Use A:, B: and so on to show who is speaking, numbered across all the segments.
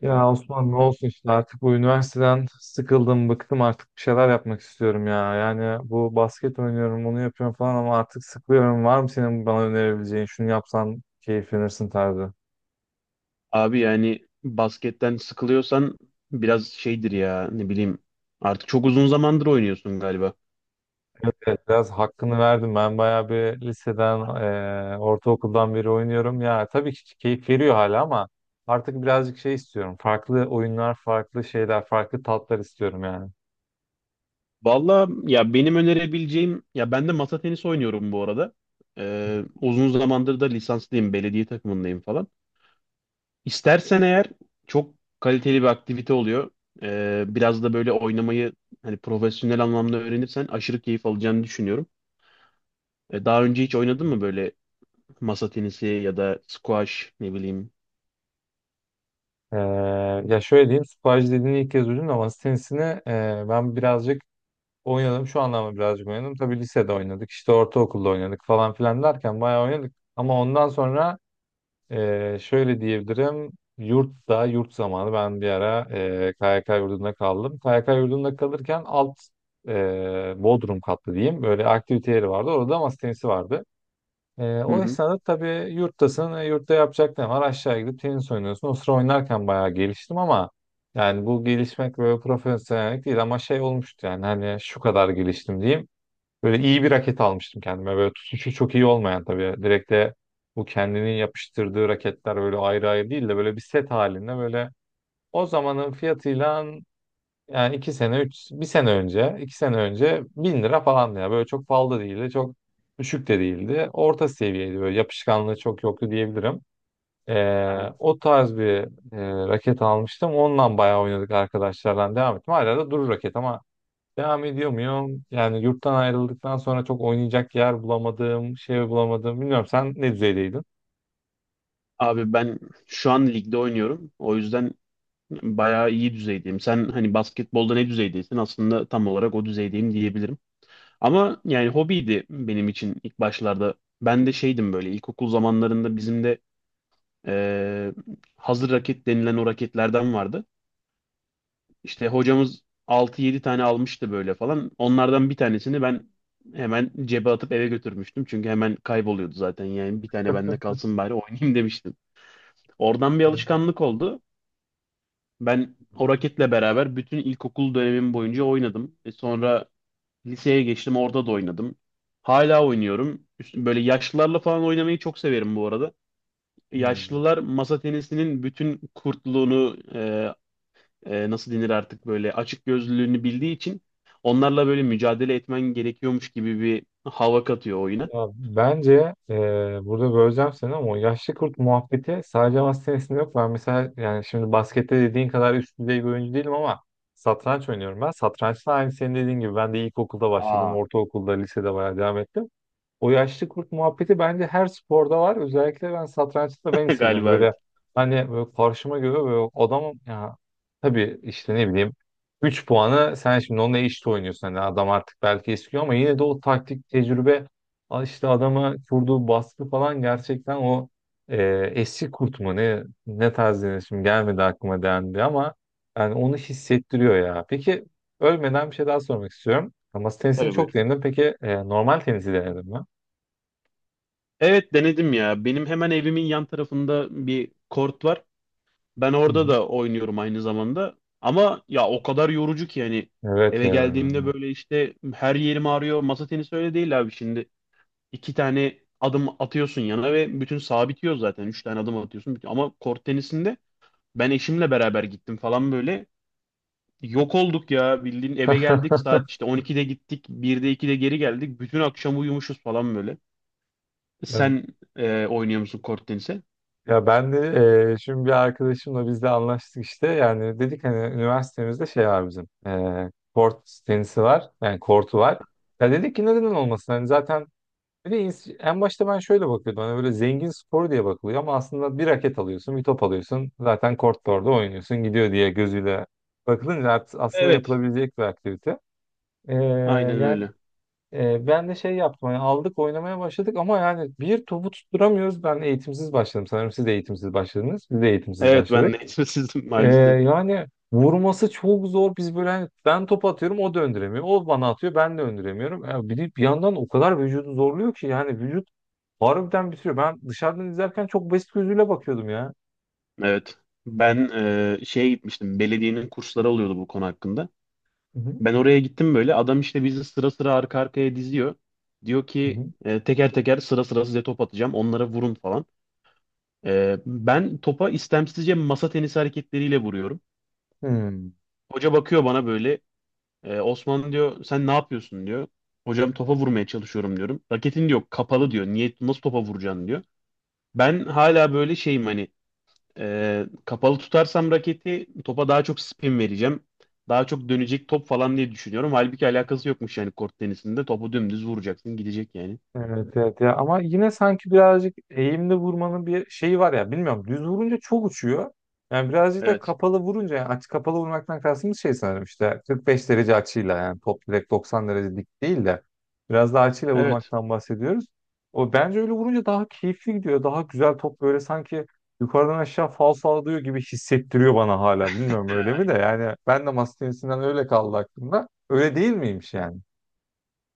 A: Ya Osman ne olsun işte artık bu üniversiteden sıkıldım, bıktım artık bir şeyler yapmak istiyorum ya. Yani bu basket oynuyorum, bunu yapıyorum falan ama artık sıkılıyorum. Var mı senin bana önerebileceğin, şunu yapsan keyiflenirsin tarzı?
B: Abi yani basketten sıkılıyorsan biraz şeydir ya ne bileyim, artık çok uzun zamandır oynuyorsun galiba.
A: Evet, biraz hakkını verdim. Ben bayağı bir liseden, ortaokuldan beri oynuyorum. Ya tabii ki keyif veriyor hala ama artık birazcık şey istiyorum. Farklı oyunlar, farklı şeyler, farklı tatlar istiyorum yani.
B: Valla ya benim önerebileceğim, ya ben de masa tenisi oynuyorum bu arada. Uzun zamandır da lisanslıyım, belediye takımındayım falan. İstersen eğer çok kaliteli bir aktivite oluyor. Biraz da böyle oynamayı hani profesyonel anlamda öğrenirsen aşırı keyif alacağını düşünüyorum. Daha önce hiç oynadın mı böyle, masa tenisi ya da squash ne bileyim?
A: E, Ya şöyle diyeyim, squash dediğini ilk kez duydum ama tenisini ben birazcık oynadım, şu anlamda birazcık oynadım. Tabii lisede oynadık işte ortaokulda oynadık falan filan derken bayağı oynadık. Ama ondan sonra şöyle diyebilirim, yurtta yurt zamanı ben bir ara KYK yurdunda kaldım. KYK yurdunda kalırken alt Bodrum katlı diyeyim, böyle aktivite yeri vardı, orada da masa tenisi vardı. O
B: Hı
A: esnada tabii yurttasın, yurtta yapacak ne var? Aşağı gidip tenis oynuyorsun. O sıra oynarken bayağı geliştim ama yani bu gelişmek böyle profesyonellik değil ama şey olmuştu yani, hani şu kadar geliştim diyeyim. Böyle iyi bir raket almıştım kendime. Böyle tutuşu çok iyi olmayan tabii. Direkt de bu kendinin yapıştırdığı raketler böyle ayrı ayrı değil de böyle bir set halinde, böyle o zamanın fiyatıyla yani iki sene, üç, bir sene önce, iki sene önce bin lira falandı ya. Böyle çok pahalı da değildi, çok düşük de değildi. Orta seviyeydi, böyle yapışkanlığı çok yoktu diyebilirim.
B: hı.
A: O tarz bir raket almıştım. Ondan bayağı oynadık arkadaşlarla, devam ettim. Hala da durur raket ama devam ediyor muyum? Yani yurttan ayrıldıktan sonra çok oynayacak yer bulamadım, şey bulamadım. Bilmiyorum, sen ne düzeydeydin?
B: Abi ben şu an ligde oynuyorum. O yüzden bayağı iyi düzeydeyim. Sen hani basketbolda ne düzeydeysin? Aslında tam olarak o düzeydeyim diyebilirim. Ama yani hobiydi benim için ilk başlarda. Ben de şeydim, böyle ilkokul zamanlarında bizim de eee, hazır raket denilen o raketlerden vardı. İşte hocamız altı yedi tane almıştı böyle falan. Onlardan bir tanesini ben hemen cebe atıp eve götürmüştüm. Çünkü hemen kayboluyordu zaten. Yani bir tane bende kalsın bari oynayayım demiştim. Oradan bir alışkanlık oldu. Ben o raketle beraber bütün ilkokul dönemim boyunca oynadım. Sonra liseye geçtim, orada da oynadım. Hala oynuyorum. Böyle yaşlılarla falan oynamayı çok severim bu arada.
A: Hmm.
B: Yaşlılar masa tenisinin bütün kurtluğunu, nasıl denir artık, böyle açık gözlülüğünü bildiği için onlarla böyle mücadele etmen gerekiyormuş gibi bir hava katıyor oyuna.
A: Ya bence burada böleceğim seni ama o yaşlı kurt muhabbeti sadece masa tenisinde yok. Ben mesela, yani şimdi baskette dediğin kadar üst düzey bir oyuncu değilim ama satranç oynuyorum ben. Satrançta aynı senin dediğin gibi ben de ilkokulda başladım,
B: Aa.
A: ortaokulda, lisede bayağı devam ettim. O yaşlı kurt muhabbeti bence her sporda var. Özellikle ben satrançta ben hissediyorum.
B: Galiba evet.
A: Böyle hani böyle karşıma göre böyle adamım ya, tabii işte ne bileyim, 3 puanı sen şimdi onunla eşit oynuyorsun. Hani adam artık belki eskiyor ama yine de o taktik tecrübe, işte adama kurduğu baskı falan gerçekten o e, eski kurt mu ne, ne tarz denir şimdi gelmedi aklıma dendi ama yani onu hissettiriyor ya. Peki, ölmeden bir şey daha sormak istiyorum. Masa tenisini
B: Tabii,
A: çok
B: buyur.
A: denedim. Peki normal tenisi denedin mi?
B: Evet, denedim ya. Benim hemen evimin yan tarafında bir kort var. Ben
A: Hı
B: orada
A: hı.
B: da oynuyorum aynı zamanda. Ama ya o kadar yorucu ki yani
A: Evet
B: eve
A: ya.
B: geldiğimde böyle işte her yerim ağrıyor. Masa tenisi öyle değil abi şimdi. İki tane adım atıyorsun yana ve bütün saha bitiyor zaten. Üç tane adım atıyorsun, bitiyor. Ama kort tenisinde ben eşimle beraber gittim falan böyle. Yok olduk ya, bildiğin eve geldik, saat işte 12'de gittik, 1'de 2'de geri geldik. Bütün akşam uyumuşuz falan böyle.
A: Evet.
B: Sen oynuyor musun kort tenisi?
A: Ya ben de şimdi bir arkadaşımla biz de anlaştık işte. Yani dedik hani üniversitemizde şey var bizim. Kort tenisi var. Yani kortu var. Ya dedik ki, neden olmasın? Hani zaten bir de en başta ben şöyle bakıyordum. Hani böyle zengin sporu diye bakılıyor ama aslında bir raket alıyorsun, bir top alıyorsun. Zaten kortta orada oynuyorsun, gidiyor diye gözüyle bakılınca aslında
B: Evet,
A: yapılabilecek bir aktivite. E,
B: aynen öyle.
A: Ben de şey yaptım, hani aldık oynamaya başladık ama yani bir topu tutturamıyoruz. Ben eğitimsiz başladım. Sanırım siz de eğitimsiz başladınız. Biz de eğitimsiz
B: Evet, ben
A: başladık.
B: de sizin
A: E,
B: maalesef.
A: Yani vurması çok zor. Biz böyle hani ben top atıyorum o döndüremiyor. O bana atıyor ben döndüremiyorum. Ya bir, de bir yandan o kadar vücudu zorluyor ki yani vücut harbiden bitiriyor. Ben dışarıdan izlerken çok basit gözüyle bakıyordum ya.
B: Evet. Ben şeye gitmiştim. Belediyenin kursları oluyordu bu konu hakkında.
A: Hı hı.
B: Ben oraya gittim böyle. Adam işte bizi sıra sıra, arka arkaya diziyor. Diyor
A: Hı
B: ki
A: hı.
B: teker teker, sıra sıra size top atacağım. Onlara vurun falan. Ben topa istemsizce masa tenisi hareketleriyle vuruyorum.
A: Hmm.
B: Hoca bakıyor bana böyle. Osman diyor, sen ne yapıyorsun diyor. Hocam topa vurmaya çalışıyorum diyorum. Raketin diyor kapalı diyor. Niye, nasıl topa vuracaksın diyor. Ben hala böyle şeyim hani, kapalı tutarsam raketi topa daha çok spin vereceğim. Daha çok dönecek top falan diye düşünüyorum. Halbuki alakası yokmuş yani kort tenisinde. Topu dümdüz vuracaksın, gidecek yani.
A: Evet evet ya, ama yine sanki birazcık eğimli vurmanın bir şeyi var ya, bilmiyorum, düz vurunca çok uçuyor. Yani birazcık da
B: Evet.
A: kapalı vurunca, yani aç kapalı vurmaktan kastımız şey sanırım, işte 45 derece açıyla, yani top direkt 90 derece dik değil de biraz daha açıyla
B: Evet.
A: vurmaktan bahsediyoruz. O bence öyle vurunca daha keyifli gidiyor. Daha güzel top, böyle sanki yukarıdan aşağı fal sallıyor gibi hissettiriyor bana hala. Bilmiyorum
B: Ya,
A: öyle mi de,
B: aynen.
A: yani ben de masa tenisinden öyle kaldı aklımda. Öyle değil miymiş yani?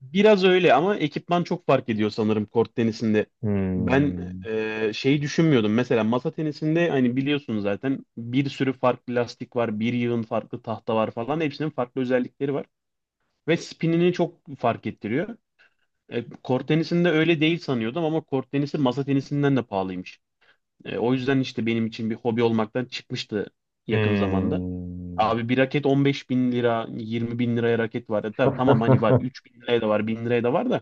B: Biraz öyle ama ekipman çok fark ediyor sanırım kort tenisinde. Ben
A: Hmm.
B: şey düşünmüyordum. Mesela masa tenisinde hani biliyorsun zaten bir sürü farklı lastik var, bir yığın farklı tahta var falan. Hepsinin farklı özellikleri var ve spinini çok fark ettiriyor. Kort tenisinde öyle değil sanıyordum ama kort tenisi masa tenisinden de pahalıymış. O yüzden işte benim için bir hobi olmaktan çıkmıştı yakın zamanda.
A: Hmm.
B: Abi bir raket 15 bin lira, 20 bin liraya raket var. Tabii, tamam hani var, 3 bin liraya da var, 1000 liraya da var da.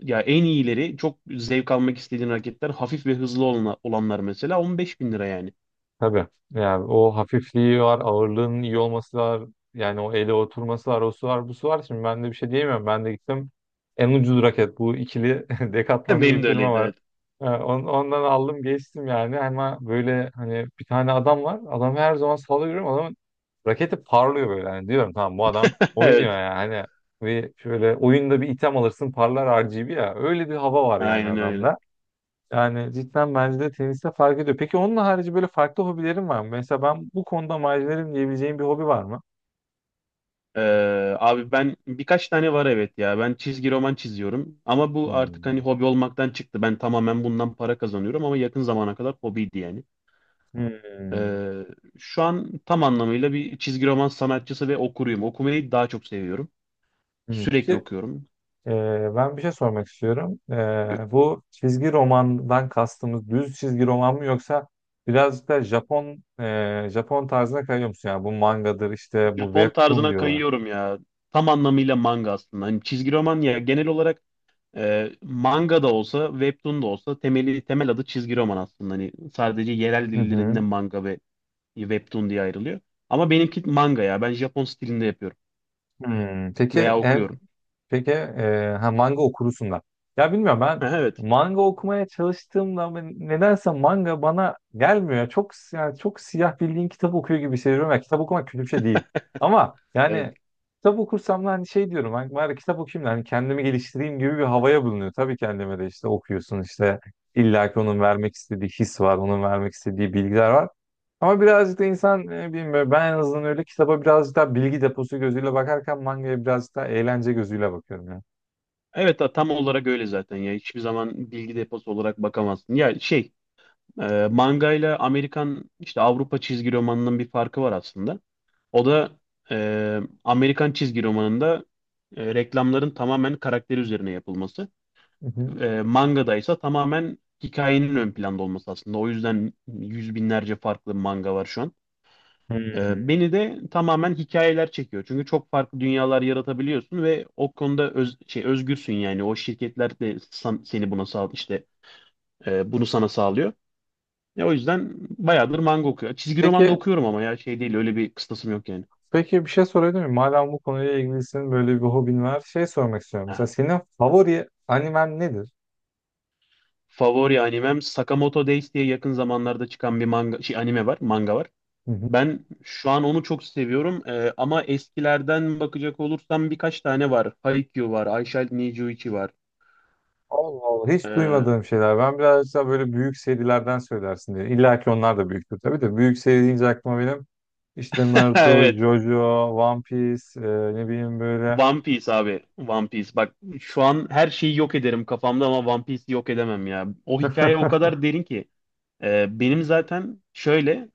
B: Ya en iyileri, çok zevk almak istediğin raketler, hafif ve hızlı olanlar mesela 15 bin lira yani.
A: Tabii. Yani o hafifliği var, ağırlığının iyi olması var. Yani o ele oturması var, o su var, bu su var. Şimdi ben de bir şey diyemiyorum. Ben de gittim. En ucuz raket bu ikili Decathlon diye
B: Benim
A: bir
B: de
A: firma
B: öyleydi,
A: var.
B: evet.
A: Ondan aldım geçtim yani, ama böyle hani bir tane adam var. Adam her zaman sahada, görüyorum. Adamın raketi parlıyor böyle. Yani diyorum, tamam bu adam oynuyor
B: Evet,
A: yani. Hani bir şöyle oyunda bir item alırsın parlar RGB ya. Öyle bir hava var yani
B: aynen öyle.
A: adamda. Yani cidden bence de teniste fark ediyor. Peki onun harici böyle farklı hobilerin var mı? Mesela ben bu konuda macerim diyebileceğim bir hobi var mı?
B: Abi ben, birkaç tane var evet ya. Ben çizgi roman çiziyorum. Ama bu artık hani
A: Hmm.
B: hobi olmaktan çıktı. Ben tamamen bundan para kazanıyorum ama yakın zamana kadar hobiydi yani.
A: Hmm.
B: Ee, şu an tam anlamıyla bir çizgi roman sanatçısı ve okuruyum. Okumayı daha çok seviyorum.
A: Hmm. Peki
B: Sürekli okuyorum.
A: e, ben bir şey sormak istiyorum. Bu çizgi romandan kastımız düz çizgi roman mı, yoksa birazcık da Japon tarzına kayıyor musun? Yani bu mangadır işte, bu
B: Japon
A: webtoon
B: tarzına
A: diyorlar.
B: kayıyorum ya. Tam anlamıyla manga aslında. Hani çizgi roman ya genel olarak, manga da olsa, webtoon da olsa temel adı çizgi roman aslında. Hani sadece yerel
A: Hı
B: dillerinde
A: hı.
B: manga ve webtoon diye ayrılıyor. Ama benimki manga ya. Ben Japon stilinde yapıyorum
A: Hmm.
B: veya okuyorum.
A: Peki, ha, manga okurusun da. Ya bilmiyorum, ben
B: Evet.
A: manga okumaya çalıştığımda nedense manga bana gelmiyor. Çok yani, çok siyah, bildiğin kitap okuyor gibi hissediyorum. Ya, kitap okumak kötü bir şey değil. Ama
B: Evet.
A: yani kitap okursam da hani şey diyorum, hani bari kitap okuyayım da hani kendimi geliştireyim gibi bir havaya bulunuyor. Tabii kendime de, işte okuyorsun işte, illa ki onun vermek istediği his var, onun vermek istediği bilgiler var. Ama birazcık da insan bilmiyorum, ben en azından öyle, kitaba birazcık daha bilgi deposu gözüyle bakarken mangaya birazcık daha eğlence gözüyle bakıyorum ya.
B: Evet, tam olarak öyle zaten ya. Hiçbir zaman bilgi deposu olarak bakamazsın. Ya manga ile Amerikan, işte Avrupa çizgi romanının bir farkı var aslında. O da Amerikan çizgi romanında reklamların tamamen karakteri üzerine yapılması.
A: Hı hı.
B: Mangada ise tamamen hikayenin ön planda olması aslında. O yüzden yüz binlerce farklı manga var şu an.
A: Hmm.
B: Beni de tamamen hikayeler çekiyor. Çünkü çok farklı dünyalar yaratabiliyorsun ve o konuda öz, şey özgürsün yani. O şirketler de seni buna bunu sana sağlıyor. O yüzden bayağıdır manga okuyor. Çizgi roman da
A: Peki
B: okuyorum ama ya şey değil, öyle bir kıstasım yok yani.
A: peki bir şey sorabilir miyim? Madem bu konuyla ilgilisin, böyle bir hobin var, şey sormak istiyorum. Mesela
B: Aha.
A: senin favori animen nedir?
B: Favori animem Sakamoto Days diye yakın zamanlarda çıkan bir manga şey anime var, manga var.
A: Hı hı.
B: Ben şu an onu çok seviyorum. Ama eskilerden bakacak olursam birkaç tane var. Haikyuu var, I Shall Ni Nijuichi var.
A: Allah Allah, hiç
B: Ee,
A: duymadığım şeyler. Ben birazcık daha böyle büyük serilerden söylersin diye. İlla ki onlar da büyüktür tabii de. Büyük seri deyince aklıma benim işte Naruto,
B: evet.
A: JoJo, One Piece, ne bileyim böyle.
B: One Piece abi. One Piece. Bak şu an her şeyi yok ederim kafamda ama One Piece'i yok edemem ya. O hikaye o
A: Hı
B: kadar derin ki. Benim zaten şöyle,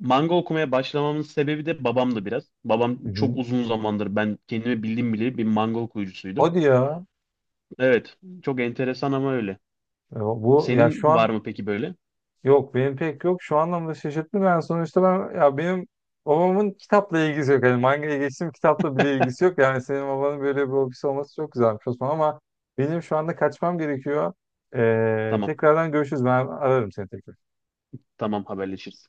B: manga okumaya başlamamın sebebi de babamdı biraz. Babam
A: hı.
B: çok uzun zamandır, ben kendimi bildiğim bile, bir manga okuyucusuydu.
A: Hadi ya.
B: Evet, çok enteresan ama öyle.
A: E, Bu ya Şu
B: Senin var
A: an
B: mı peki böyle?
A: yok, benim pek yok. Şu anlamda şaşırttı, ben sonuçta ben ya, benim babamın kitapla ilgisi yok. Hani mangaya geçtim, kitapla bile ilgisi yok. Yani senin babanın böyle bir hobisi olması çok güzelmiş Osman, ama benim şu anda kaçmam gerekiyor.
B: Tamam.
A: Tekrardan görüşürüz. Ben ararım seni tekrar.
B: Tamam, haberleşiriz.